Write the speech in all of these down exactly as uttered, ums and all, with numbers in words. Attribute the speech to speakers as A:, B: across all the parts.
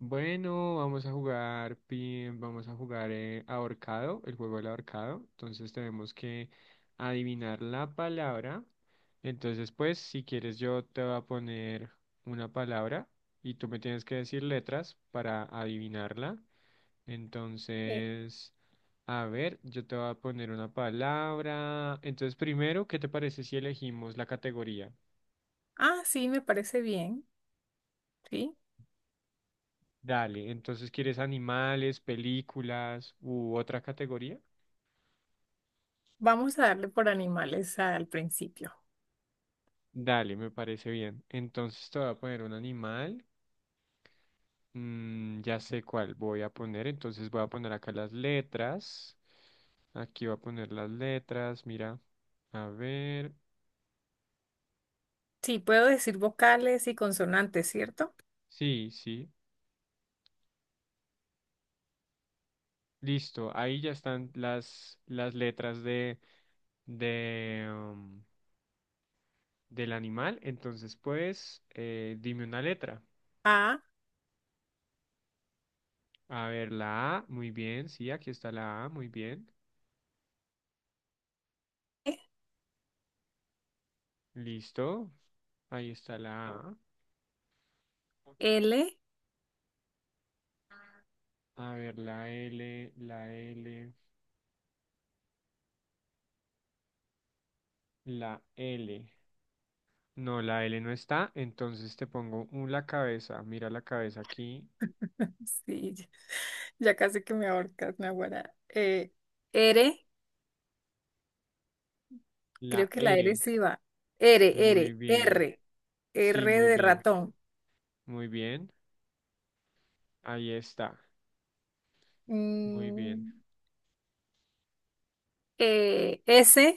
A: Bueno, vamos a jugar pin, vamos a jugar eh, ahorcado, el juego del ahorcado. Entonces tenemos que adivinar la palabra. Entonces, pues, si quieres, yo te voy a poner una palabra y tú me tienes que decir letras para adivinarla.
B: Eh,
A: Entonces, a ver, yo te voy a poner una palabra. Entonces, primero, ¿qué te parece si elegimos la categoría?
B: ah, sí, me parece bien. Sí,
A: Dale, entonces, ¿quieres animales, películas u otra categoría?
B: vamos a darle por animales al principio.
A: Dale, me parece bien. Entonces te voy a poner un animal. Mm, ya sé cuál voy a poner. Entonces voy a poner acá las letras. Aquí voy a poner las letras. Mira. A ver.
B: Sí, puedo decir vocales y consonantes, ¿cierto?
A: Sí, sí. Listo. Ahí ya están las, las letras de, de, um, del animal. Entonces, pues, eh, dime una letra.
B: A,
A: A ver, la A. Muy bien. Sí, aquí está la A. Muy bien.
B: E,
A: Listo. Ahí está la A.
B: L,
A: A ver, la L, la L, la L. No, la L no está, entonces te pongo un- la cabeza. Mira la cabeza aquí.
B: sí, ya ya casi que me ahorcas, Naguará. Eh, R.
A: La
B: Creo que la
A: R.
B: R sí va. R,
A: Muy
B: R,
A: bien.
B: R.
A: Sí,
B: R
A: muy
B: de
A: bien.
B: ratón.
A: Muy bien. Ahí está. Muy bien.
B: Mm, eh, S.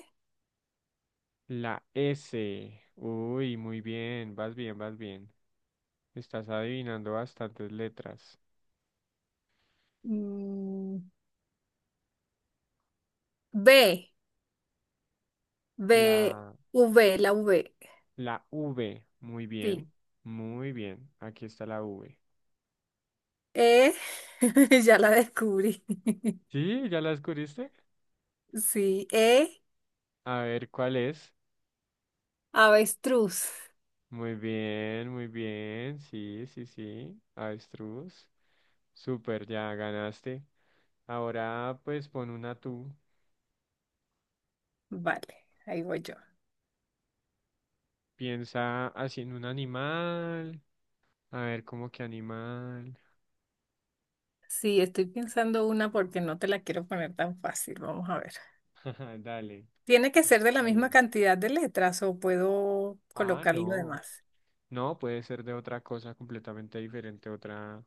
A: La S. Uy, muy bien. Vas bien, vas bien. Estás adivinando bastantes letras.
B: mm, B. B.
A: La,
B: V, la V.
A: la V. Muy
B: Sí.
A: bien. Muy bien. Aquí está la V.
B: E. Ya la descubrí.
A: Sí, ¿ya la descubriste?
B: Sí. E.
A: A ver, ¿cuál es?
B: Avestruz.
A: Muy bien, muy bien. Sí, sí, sí. Avestruz. Súper, ya ganaste. Ahora pues pon una tú.
B: Vale, ahí voy yo.
A: Piensa así en un animal. A ver, ¿cómo que animal?
B: Sí, estoy pensando una porque no te la quiero poner tan fácil. Vamos a ver.
A: Dale,
B: ¿Tiene que ser de la
A: está
B: misma
A: bien.
B: cantidad de letras o puedo
A: Ah,
B: colocar lo
A: no.
B: demás?
A: No, puede ser de otra cosa completamente diferente, otra,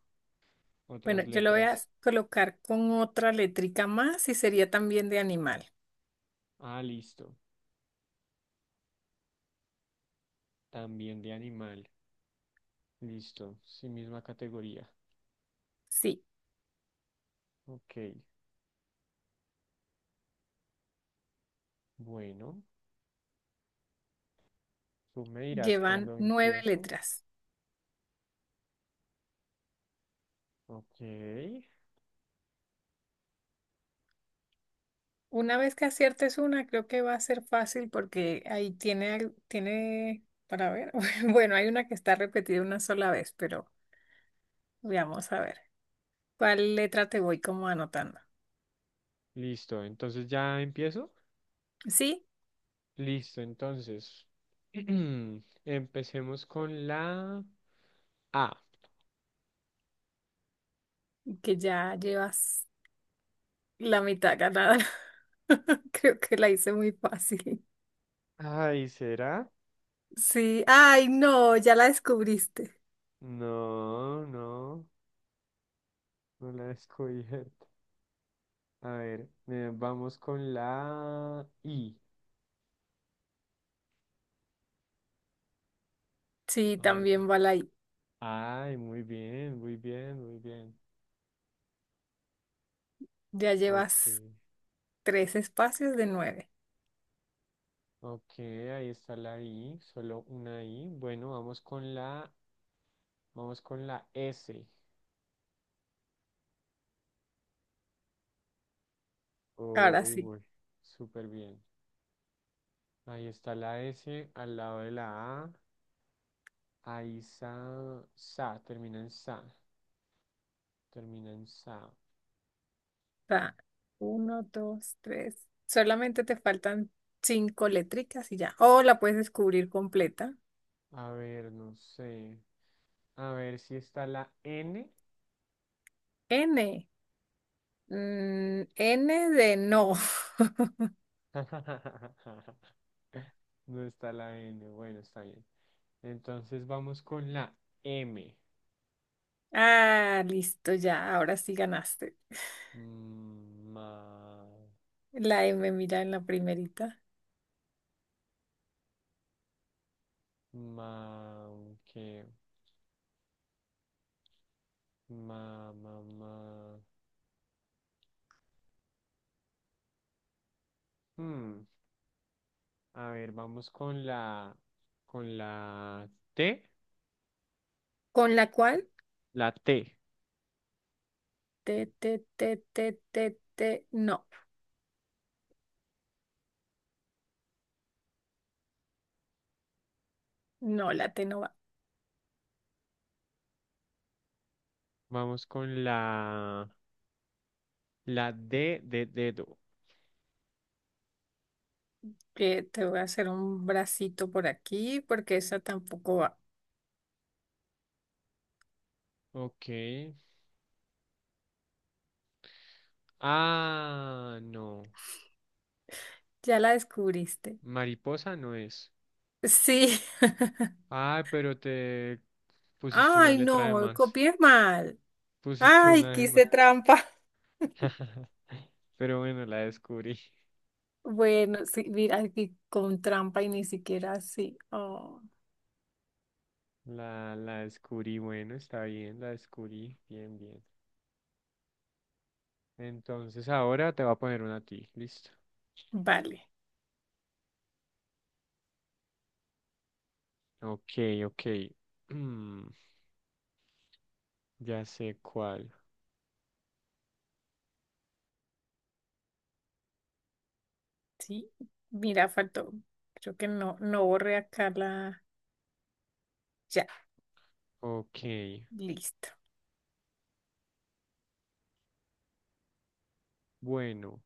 B: Bueno,
A: otras
B: yo lo voy a
A: letras.
B: colocar con otra letrica más y sería también de animal.
A: Ah, listo. También de animal. Listo. Sí, misma categoría.
B: Sí,
A: Ok. Bueno, tú me dirás
B: llevan
A: cuando
B: nueve
A: empiezo.
B: letras.
A: Ok,
B: Una vez que aciertes una, creo que va a ser fácil porque ahí tiene, al- tiene, para ver, bueno, hay una que está repetida una sola vez, pero veamos a ver. ¿Cuál letra te voy como anotando?
A: listo, entonces ya empiezo.
B: Sí,
A: Listo, entonces empecemos con la A.
B: que ya llevas la mitad ganada. Creo que la hice muy fácil.
A: Ay, ¿será?
B: Sí, ay, no, ya la descubriste.
A: No, no, no la he descubierto. A ver, eh, vamos con la I.
B: Sí,
A: A ver.
B: también va la I.
A: Ay, muy bien, muy bien, muy bien.
B: Ya
A: Ok,
B: llevas tres espacios de nueve.
A: ok, ahí está la I, solo una I. Bueno, vamos con la, vamos con la S.
B: Ahora
A: Uy,
B: sí,
A: voy súper bien. Ahí está la S al lado de la A. Ahí sa, sa, termina en sa, termina en sa.
B: está uno, dos, tres. Solamente te faltan cinco letricas y ya. O la puedes descubrir completa.
A: A ver, no sé. A ver si está la N.
B: N. Mm, N de no.
A: No está la N, bueno, está bien. Entonces vamos con la M.
B: Ah, listo, ya. Ahora sí ganaste.
A: Mm, Ma,
B: La M, mira en la primerita.
A: ma, qué ma, ma, ma. Hmm. A ver, vamos con la, con la T,
B: Con la cual,
A: la T.
B: te, te, te, te, te, te, no. No, la T no va.
A: Vamos con la, la D de dedo.
B: Eh, te voy a hacer un bracito por aquí porque esa tampoco va.
A: Ok. Ah, no.
B: Ya la descubriste.
A: Mariposa no es.
B: Sí.
A: Ah, pero te pusiste una
B: Ay,
A: letra de
B: no,
A: más.
B: copié mal.
A: Pusiste
B: Ay,
A: una de
B: quise
A: más.
B: trampa.
A: Pero bueno, la descubrí.
B: Bueno, sí, mira, aquí con trampa y ni siquiera así. Oh,
A: La, la descubrí. Bueno, está bien, la descubrí. Bien, bien. Entonces ahora te voy a poner una a ti. Listo.
B: vale,
A: Ok, ok. Ya sé cuál.
B: sí. Mira, faltó. Creo que no, no borré acá la. Ya,
A: Ok,
B: listo.
A: bueno,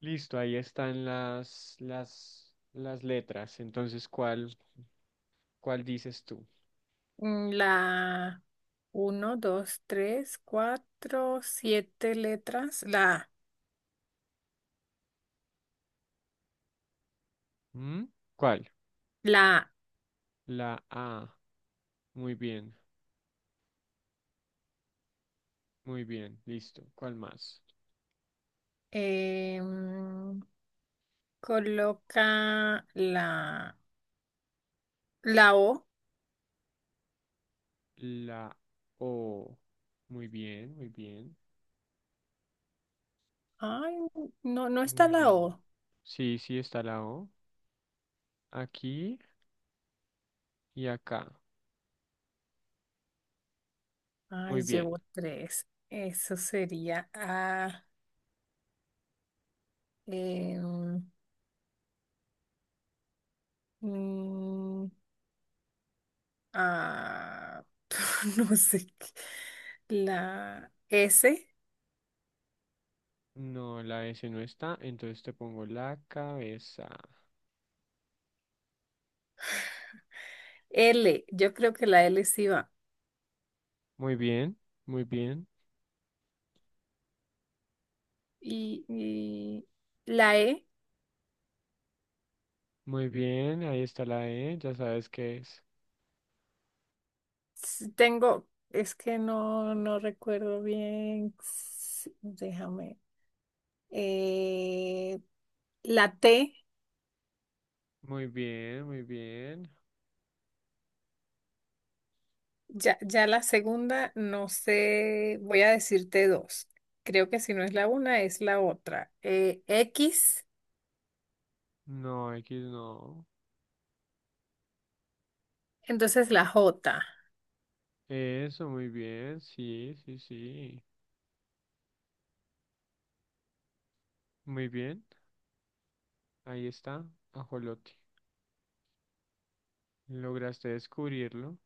A: listo, ahí están las, las, las letras. Entonces, ¿cuál, ¿cuál dices tú?
B: Mm, La uno, dos, tres, cuatro, siete letras. La, A.
A: ¿Mm? ¿Cuál?
B: La, A.
A: La A. Muy bien, muy bien, listo. ¿Cuál más?
B: Em, coloca la, la O.
A: La O. Muy bien, muy bien,
B: Ay, no, no está
A: muy
B: la
A: bien.
B: O.
A: Sí, sí está la O. Aquí y acá. Muy
B: Ay,
A: bien.
B: llevo tres. Eso sería A. em, mm, A. No sé qué. La S.
A: No, la S no está, entonces te pongo la cabeza.
B: L. Yo creo que la L sí va.
A: Muy bien, muy bien.
B: Y, y la E.
A: Muy bien, ahí está la E, ya sabes qué es.
B: s- Tengo. Es que no, no recuerdo bien. S- Déjame. Eh, la T.
A: Muy bien, muy bien.
B: Ya, ya la segunda, no sé, voy a decirte dos. Creo que si no es la una, es la otra. Eh, X,
A: No, X no.
B: entonces la J.
A: Eso, muy bien, sí, sí, sí. Muy bien, ahí está, ajolote. ¿Lograste descubrirlo?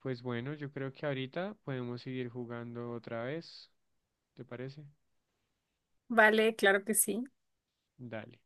A: Pues bueno, yo creo que ahorita podemos seguir jugando otra vez, ¿te parece?
B: Vale, claro que sí.
A: Dale.